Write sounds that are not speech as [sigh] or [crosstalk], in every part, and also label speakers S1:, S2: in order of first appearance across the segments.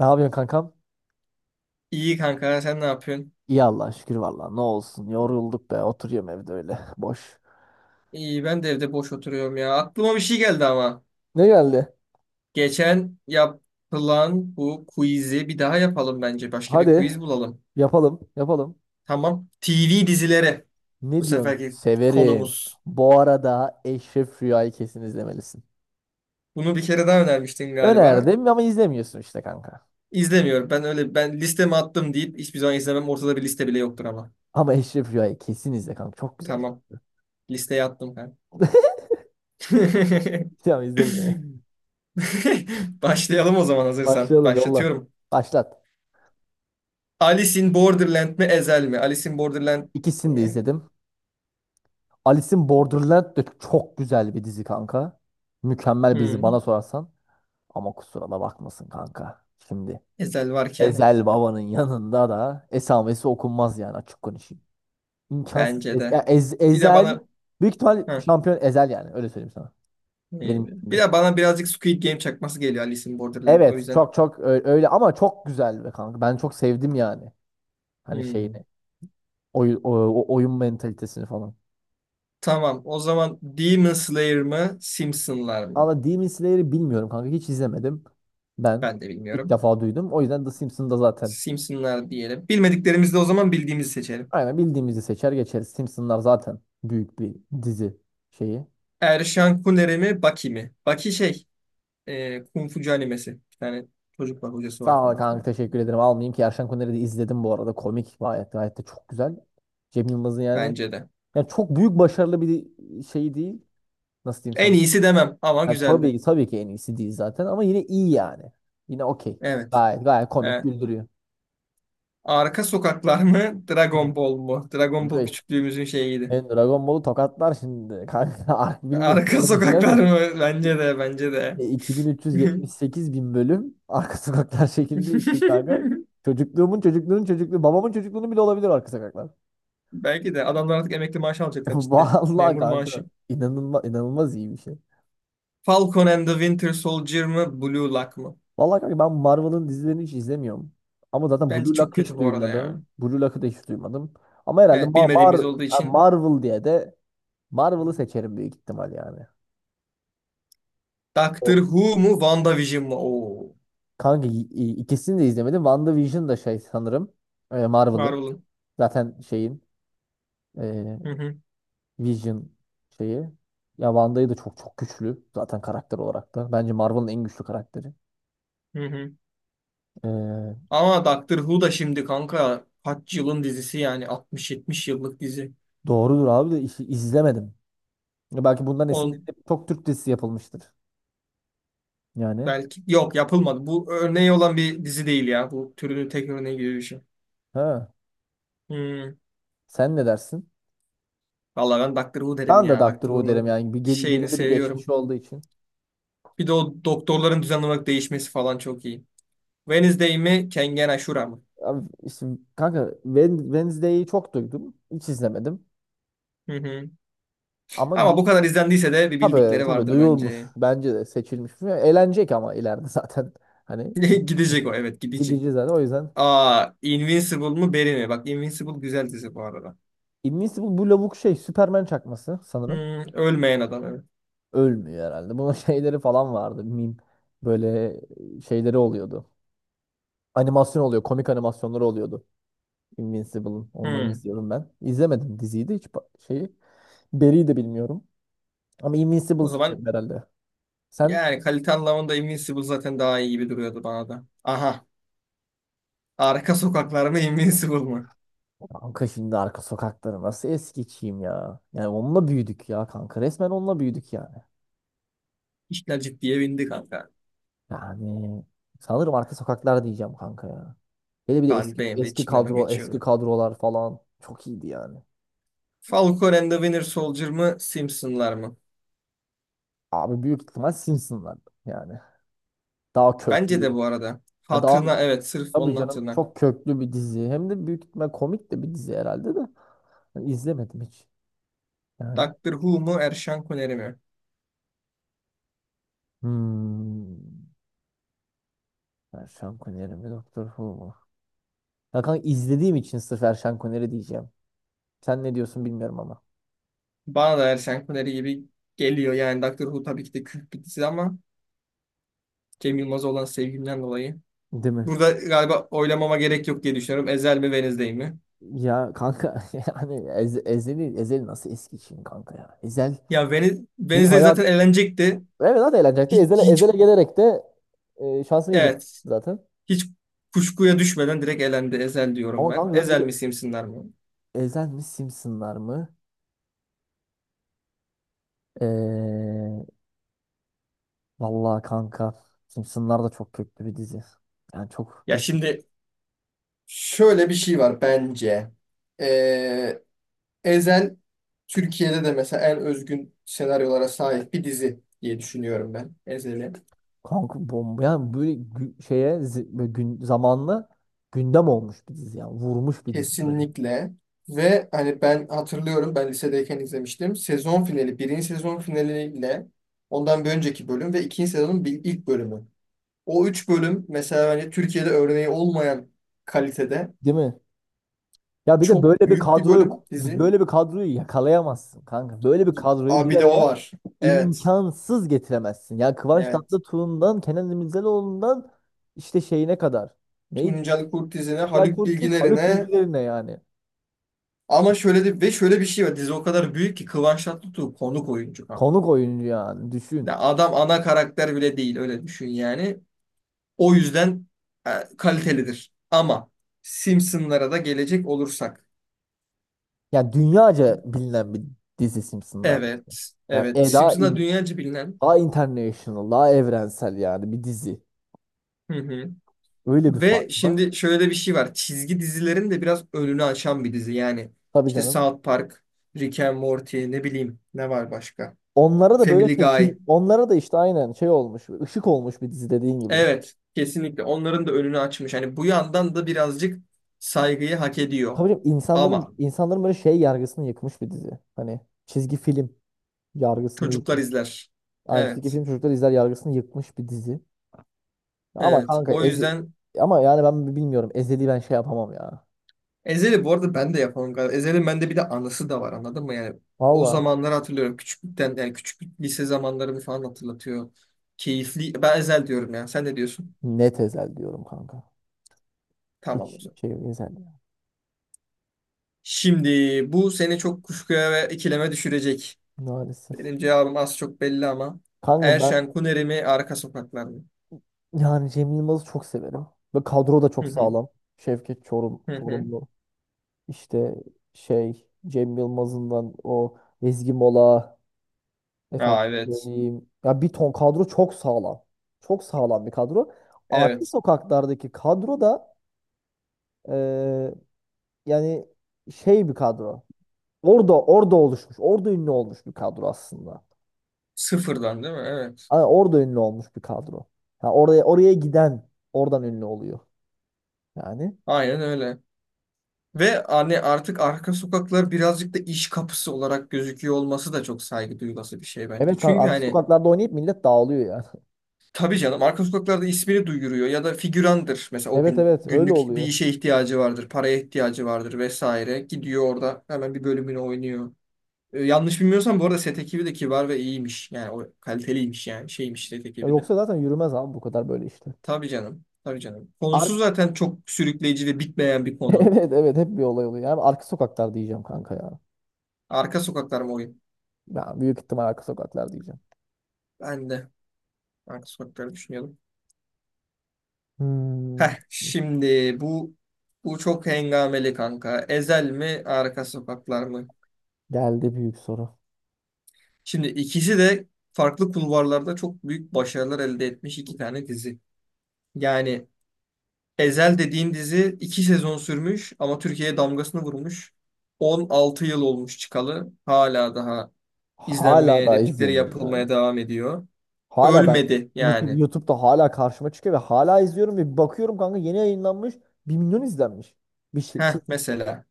S1: Ne yapıyorsun kankam?
S2: İyi kanka, sen ne yapıyorsun?
S1: İyi Allah'a şükür valla. Ne olsun yorulduk be. Oturuyorum evde öyle [laughs] boş.
S2: İyi, ben de evde boş oturuyorum ya. Aklıma bir şey geldi ama.
S1: Ne geldi?
S2: Geçen yapılan bu quiz'i bir daha yapalım bence. Başka bir
S1: Hadi
S2: quiz bulalım.
S1: yapalım, yapalım.
S2: Tamam. TV dizileri bu
S1: Ne diyorsun?
S2: seferki
S1: Severim.
S2: konumuz.
S1: Bu arada Eşref Rüya'yı kesin izlemelisin.
S2: Bunu bir kere daha önermiştin galiba.
S1: Önerdim ama izlemiyorsun işte kanka.
S2: İzlemiyorum. Ben öyle ben listeme attım deyip hiçbir zaman izlemem. Ortada bir liste bile yoktur ama.
S1: Ama Eşref Rüya'yı kesin izle kanka. Çok güzel.
S2: Tamam. Listeye attım ben.
S1: [laughs]
S2: [laughs]
S1: Tamam, izle bile.
S2: Başlayalım o zaman, hazırsan.
S1: Başlayalım, yolla.
S2: Başlatıyorum.
S1: Başlat.
S2: Alice in Borderland mi Ezel mi? Alice in Borderland
S1: İkisini de
S2: eh,
S1: izledim. Alice'in Borderland de çok güzel bir dizi kanka. Mükemmel bir dizi bana
S2: hmm,
S1: sorarsan. Ama kusura da bakmasın kanka. Şimdi,
S2: Ezel
S1: evet.
S2: varken,
S1: Ezel Baba'nın yanında da esamesi okunmaz yani açık konuşayım. İmkansız.
S2: bence de. Bir de
S1: Ezel
S2: bana
S1: büyük ihtimal
S2: ha,
S1: şampiyon Ezel yani öyle söyleyeyim sana.
S2: eh,
S1: Benim
S2: Bir
S1: gözümde.
S2: de bana birazcık Squid Game çakması geliyor, Alice in Borderland. O
S1: Evet,
S2: yüzden
S1: öyle ama çok güzel be kanka. Ben çok sevdim yani. Hani
S2: hmm.
S1: şeyini. Oy, o oyun mentalitesini falan.
S2: Tamam. O zaman Demon Slayer mı Simpsonlar mı?
S1: Ama Demon Slayer'ı bilmiyorum kanka. Hiç izlemedim. Ben
S2: Ben de
S1: ilk
S2: bilmiyorum.
S1: defa duydum. O yüzden The Simpsons'da zaten
S2: Simpsonlar diyelim. Bilmediklerimizde o zaman bildiğimizi seçelim.
S1: aynen bildiğimizi seçer geçeriz. Simpsons'lar zaten büyük bir dizi şeyi.
S2: Erşan Kuneri mi Baki mi? Baki şey, Kung Fucu animesi. Bir tane çocuk var, hocası var
S1: Sağ ol
S2: falan
S1: kanka,
S2: filan.
S1: teşekkür ederim. Almayayım ki, Erşen Kuner'i de izledim bu arada. Komik, gayet gayet de çok güzel. Cem Yılmaz'ın yani,
S2: Bence de.
S1: yani çok büyük başarılı bir şey değil. Nasıl diyeyim
S2: En
S1: sana?
S2: iyisi demem ama
S1: Yani tabii
S2: güzeldi.
S1: ki, tabii ki en iyisi değil zaten ama yine iyi yani. Yine okey.
S2: Evet.
S1: Gayet gayet komik,
S2: He.
S1: güldürüyor.
S2: Arka sokaklar mı, Dragon Ball mu? Dragon
S1: Kanka,
S2: Ball küçüklüğümüzün şeyiydi.
S1: ben Dragon Ball'u tokatlar şimdi. Kanka [laughs] bilmiyorum,
S2: Arka
S1: sen ne
S2: sokaklar
S1: düşünüyorsun?
S2: mı? Bence de, bence de.
S1: 2378 bin üç yüz yetmiş sekiz bin bölüm arka sokaklar [laughs] şekilde için kanka.
S2: [laughs]
S1: Çocukluğumun, çocukluğunun çocukluğu, babamın çocukluğunu bile olabilir arka sokaklar.
S2: Belki de adamlar artık emekli maaşı
S1: [laughs]
S2: alacaklar cidden.
S1: Vallahi
S2: Memur maaşı.
S1: kanka, inanılmaz inanılmaz iyi bir şey.
S2: Falcon and the Winter Soldier mı, Blue Lock mı?
S1: Vallahi kanka, ben Marvel'ın dizilerini hiç izlemiyorum. Ama zaten
S2: Bence
S1: Blue
S2: çok
S1: Lock'ı
S2: kötü
S1: hiç
S2: bu arada ya.
S1: duymadım. Ama herhalde
S2: Evet, bilmediğimiz olduğu için.
S1: Marvel diye de Marvel'ı seçerim büyük ihtimal yani.
S2: Doctor
S1: O.
S2: Who mu, WandaVision mu? Oo.
S1: Kanka ikisini de izlemedim. WandaVision da şey sanırım, Marvel'ın.
S2: Marvel'ın.
S1: Zaten şeyin, e,
S2: Hı hı.
S1: Vision şeyi. Ya Wanda'yı da çok çok güçlü zaten karakter olarak da. Bence Marvel'ın en güçlü karakteri.
S2: Hı hı.
S1: E,
S2: Ama Doctor Who da şimdi kanka kaç yılın dizisi, yani 60-70 yıllık dizi.
S1: doğrudur abi de işi izlemedim. Ya belki bundan
S2: On,
S1: esinlenip çok Türk dizisi yapılmıştır. Yani.
S2: Belki yok, yapılmadı. Bu örneği olan bir dizi değil ya. Bu türünün tek örneği gibi bir şey.
S1: Ha.
S2: Hmm.
S1: Sen ne dersin?
S2: Vallahi ben Doctor Who derim
S1: Ben de
S2: ya.
S1: Doctor
S2: Doctor
S1: Who derim
S2: Who'nun
S1: yani. Bir,
S2: şeyini
S1: belirli bir geçmiş
S2: seviyorum.
S1: olduğu için.
S2: Bir de o doktorların düzenli olarak değişmesi falan çok iyi. Wednesday mi, Kengen Ashura mı?
S1: Abi işte kanka Wednesday'i çok duydum. Hiç izlemedim.
S2: Hı hı.
S1: Ama
S2: Ama
S1: du-
S2: bu kadar izlendiyse de bir
S1: tabii
S2: bildikleri
S1: tabii
S2: vardır
S1: duyulmuş.
S2: bence.
S1: Bence de seçilmiş. Eğlenecek ama ileride [laughs] zaten. Hani
S2: [laughs] Gidecek o, evet, gidecek.
S1: gideceğiz zaten. O yüzden
S2: Aa, Invincible mu Barry mi? Bak, Invincible güzel dizi bu arada.
S1: Invincible bu lavuk şey Superman çakması sanırım.
S2: Hmm, Ölmeyen adam, evet.
S1: Ölmüyor herhalde. Bunun [laughs] şeyleri falan vardı. Meme. Böyle şeyleri oluyordu. Animasyon oluyor. Komik animasyonları oluyordu. Invincible'ın. Onları
S2: Hmm.
S1: izliyorum ben. İzlemedim diziyi de hiç şeyi. Barry'i de bilmiyorum. Ama Invincible
S2: O zaman
S1: seçerim herhalde. Sen
S2: yani kalite anlamında Invincible zaten daha iyi gibi duruyordu bana da. Aha, arka sokaklarına Invincible mı?
S1: kanka, şimdi arka sokakları nasıl es geçeyim ya. Yani onunla büyüdük ya kanka. Resmen onunla büyüdük yani.
S2: İşler ciddiye bindi kanka.
S1: Yani sanırım arka sokaklar diyeceğim kanka ya. Hele bir de eski
S2: Benim de
S1: eski
S2: içimden o
S1: kadro, eski
S2: geçiyordu.
S1: kadrolar falan çok iyiydi yani.
S2: Falcon and the Winter Soldier mı, Simpsonlar mı?
S1: Abi büyük ihtimal Simpsonlar yani. Daha
S2: Bence
S1: köklü.
S2: de bu arada.
S1: Ya daha,
S2: Hatırına, evet, sırf
S1: tabii
S2: onun
S1: canım
S2: hatırına.
S1: çok köklü bir dizi. Hem de büyük ihtimal komik de bir dizi herhalde de. Ben izlemedim hiç. Yani.
S2: Doctor Who mu, Erşan Kuneri mi?
S1: Hmm. Erşan Kuneri mi, Doktor Who mu? Ya kanka, izlediğim için sırf Erşan Kuneri diyeceğim. Sen ne diyorsun bilmiyorum ama.
S2: Bana da Erşan Kuneri gibi geliyor. Yani Doctor Who tabii ki de kült bir dizi ama Cem Yılmaz'a olan sevgimden dolayı.
S1: Değil mi?
S2: Burada galiba oylamama gerek yok diye düşünüyorum. Ezel mi Wednesday mi?
S1: Ya kanka [laughs] yani Ezel'i, Ezel nasıl eski için kanka ya. Ezel
S2: Ya Veniz,
S1: benim
S2: Wednesday zaten
S1: hayat,
S2: eğlenecekti.
S1: evet zaten eğlenecekti.
S2: Hiç, hiç,
S1: Ezel'e gelerek de, şansını yiyecek
S2: evet.
S1: zaten.
S2: Hiç kuşkuya düşmeden direkt elendi. Ezel diyorum
S1: Ama kanka
S2: ben.
S1: aynen, zaten bir
S2: Ezel
S1: de
S2: mi Simsinler mi?
S1: Ezel mi Simpsonlar mı? Ee, Vallahi kanka, Simpsonlar da çok köklü bir dizi. Yani çok
S2: Ya
S1: geç
S2: şimdi şöyle bir şey var bence. Ee, Ezel Türkiye'de de mesela en özgün senaryolara sahip bir dizi diye düşünüyorum ben. Ezel'i.
S1: kanka, bomba yani, böyle böyle gün zamanlı gündem olmuş bir dizi, yani vurmuş bir dizi böyle.
S2: Kesinlikle. Ve hani ben hatırlıyorum, ben lisedeyken izlemiştim. Sezon finali, birinci sezon finaliyle ondan bir önceki bölüm ve ikinci sezonun ilk bölümü. O üç bölüm mesela hani Türkiye'de örneği olmayan kalitede,
S1: Değil mi? Ya bir de
S2: çok büyük bir bölüm dizi.
S1: böyle bir kadroyu yakalayamazsın kanka. Böyle bir kadroyu bir
S2: Abi bir de o
S1: araya
S2: var. Evet.
S1: imkansız getiremezsin. Ya Kıvanç
S2: Evet.
S1: Tatlıtuğ'undan Kenan İmirzalıoğlu'ndan işte şeyine kadar. Neydi?
S2: Tuncel Kurtizine,
S1: Güzel
S2: Haluk
S1: Kurtiz, Haluk
S2: Bilginer'ine,
S1: Bilgilerine yani.
S2: ama şöyle de ve şöyle bir şey var. Dizi o kadar büyük ki Kıvanç Tatlıtuğ konuk oyuncu kanka.
S1: Konuk oyuncu yani, düşün.
S2: Ya adam ana karakter bile değil, öyle düşün yani. O yüzden e, kalitelidir. Ama Simpsonlara da gelecek olursak.
S1: Yani dünyaca bilinen bir dizi Simpsonlar. İşte.
S2: Evet.
S1: Yani
S2: Evet.
S1: daha,
S2: Simpsonlar dünyaca bilinen.
S1: daha international, daha evrensel yani bir dizi.
S2: Hı hı.
S1: Öyle bir fark
S2: Ve
S1: var.
S2: şimdi şöyle bir şey var. Çizgi dizilerin de biraz önünü açan bir dizi. Yani
S1: Tabii
S2: işte
S1: canım.
S2: South Park, Rick and Morty, ne bileyim, ne var başka?
S1: Onlara da böyle
S2: Family
S1: şey,
S2: Guy.
S1: onlara da işte aynen şey olmuş, ışık olmuş bir dizi dediğin gibi.
S2: Evet, kesinlikle onların da önünü açmış. Hani bu yandan da birazcık saygıyı hak ediyor.
S1: Tabii canım,
S2: Ama
S1: insanların böyle şey yargısını yıkmış bir dizi. Hani çizgi film yargısını
S2: çocuklar
S1: yıkmış.
S2: izler.
S1: Aynı çizgi
S2: Evet,
S1: film çocuklar izler yargısını yıkmış bir dizi. Ama
S2: evet.
S1: kanka
S2: O
S1: ezi,
S2: yüzden
S1: ama yani ben bilmiyorum. Ezeli ben şey yapamam ya.
S2: Ezeli bu arada ben de yapamam galiba. Ezel'in bende bir de anısı da var, anladın mı? Yani o
S1: Valla,
S2: zamanları hatırlıyorum. Küçüklükten, yani küçüklük lise zamanlarımı falan hatırlatıyor. Keyifli. Ben Ezel diyorum ya. Sen ne diyorsun?
S1: net Ezel diyorum kanka.
S2: Tamam o
S1: Hiç
S2: zaman.
S1: şey özel ya.
S2: Şimdi bu seni çok kuşkuya ve ikileme düşürecek.
S1: Maalesef.
S2: Benim cevabım az çok belli ama.
S1: Kanka ben
S2: Erşen Kuneri mi Arka Sokaklar mı?
S1: yani Cem Yılmaz'ı çok severim. Ve kadro da
S2: Hı
S1: çok
S2: hı.
S1: sağlam. Şevket Çorum,
S2: Hı hı.
S1: Çorumlu. İşte şey, Cem Yılmaz'ından o Ezgi Mola. Efendim
S2: Aa, evet.
S1: söyleyeyim. Ya bir ton kadro çok sağlam. Çok sağlam bir kadro. Arka
S2: Evet.
S1: sokaklardaki kadro da, eee, yani şey bir kadro. Orada oluşmuş. Orada ünlü olmuş bir kadro aslında.
S2: Sıfırdan, değil mi? Evet.
S1: Ama orada ünlü olmuş bir kadro. Ha, oraya giden oradan ünlü oluyor. Yani.
S2: Aynen öyle. Ve hani artık arka sokaklar birazcık da iş kapısı olarak gözüküyor olması da çok saygı duyulası bir şey bence.
S1: Evet kanka,
S2: Çünkü
S1: arka
S2: hani
S1: sokaklarda oynayıp millet dağılıyor yani. [laughs]
S2: tabii canım arka sokaklarda ismini duyuruyor ya da figürandır. Mesela o
S1: Evet
S2: gün
S1: evet, öyle
S2: günlük bir
S1: oluyor.
S2: işe ihtiyacı vardır, paraya ihtiyacı vardır vesaire. Gidiyor orada hemen bir bölümünü oynuyor. Yanlış bilmiyorsam bu arada set ekibi de kibar ve iyiymiş. Yani o kaliteliymiş, yani şeymiş set
S1: Ya
S2: ekibi de.
S1: yoksa zaten yürümez abi, bu kadar böyle işte.
S2: Tabii canım, tabii canım.
S1: Ar
S2: Konusu zaten çok sürükleyici ve bitmeyen bir
S1: [laughs]
S2: konu.
S1: evet evet, hep bir olay oluyor. Yani arka sokaklar diyeceğim kanka ya.
S2: Arka sokaklar mı oyun?
S1: Ya büyük ihtimal arka sokaklar diyeceğim.
S2: Ben de arka sokakları düşünüyordum.
S1: Hmm,
S2: Şimdi bu çok hengameli kanka. Ezel mi, Arka Sokaklar mı?
S1: geldi büyük soru.
S2: Şimdi ikisi de farklı kulvarlarda çok büyük başarılar elde etmiş iki tane dizi. Yani Ezel dediğin dizi iki sezon sürmüş ama Türkiye'ye damgasını vurmuş. 16 yıl olmuş çıkalı. Hala daha
S1: Hala
S2: izlenmeye,
S1: da
S2: replikleri
S1: izlenir yani.
S2: yapılmaya devam ediyor.
S1: Hala ben
S2: Ölmedi yani.
S1: YouTube'da hala karşıma çıkıyor ve hala izliyorum ve bir bakıyorum kanka, yeni yayınlanmış, 1 milyon izlenmiş. Bir şey.
S2: Heh, mesela.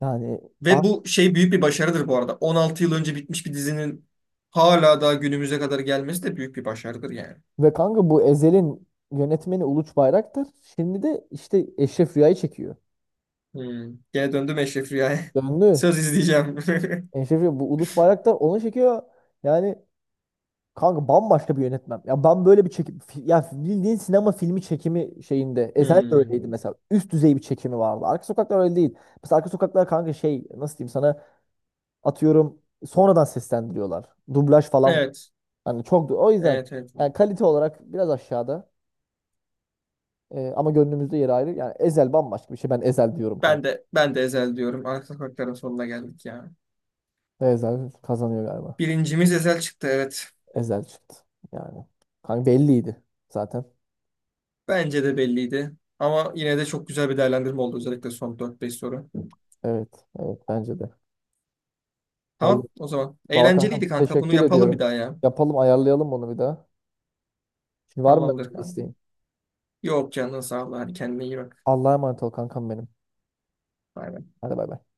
S1: Yani a-
S2: Ve bu şey büyük bir başarıdır bu arada. 16 yıl önce bitmiş bir dizinin hala daha günümüze kadar gelmesi de büyük bir başarıdır yani.
S1: ve kanka, bu Ezel'in yönetmeni Uluç Bayraktar şimdi de işte Eşref Rüya'yı çekiyor.
S2: Hmm. Gene döndüm Eşref Rüya'ya. [laughs]
S1: Döndü.
S2: Söz, izleyeceğim. [laughs]
S1: Eşref Rüya, bu Uluç Bayraktar onu çekiyor. Yani kanka bambaşka bir yönetmen. Ya ben böyle bir ya bildiğin sinema filmi çekimi şeyinde Ezel de öyleydi
S2: Hmm.
S1: mesela. Üst düzey bir çekimi vardı. Arka Sokaklar öyle değil. Mesela Arka Sokaklar kanka şey, nasıl diyeyim sana, atıyorum, sonradan seslendiriyorlar. Dublaj falan.
S2: Evet.
S1: Hani çok, o yüzden
S2: Evet, evet.
S1: yani kalite olarak biraz aşağıda. Ama gönlümüzde yeri ayrı. Yani Ezel bambaşka bir şey. Ben Ezel diyorum
S2: Ben
S1: kanka.
S2: de ben de Ezel diyorum. Arka sokakların sonuna geldik ya.
S1: Ezel kazanıyor galiba.
S2: Birincimiz Ezel çıktı, evet.
S1: Ezel çıktı. Yani. Kanka belliydi zaten.
S2: Bence de belliydi. Ama yine de çok güzel bir değerlendirme oldu, özellikle son dört beş soru.
S1: Evet. Evet bence de. Vallahi,
S2: Tamam o zaman.
S1: vallahi
S2: Eğlenceliydi
S1: kankam,
S2: kanka. Bunu
S1: teşekkür
S2: yapalım bir
S1: ediyorum.
S2: daha ya.
S1: Yapalım, ayarlayalım bunu bir daha. Şimdi var mı
S2: Tamamdır
S1: benden bir
S2: kanka.
S1: isteğin?
S2: Yok, canın sağ ol. Hadi, kendine iyi bak.
S1: Allah'a emanet ol kankam benim.
S2: Bay bay.
S1: Hadi bay bay.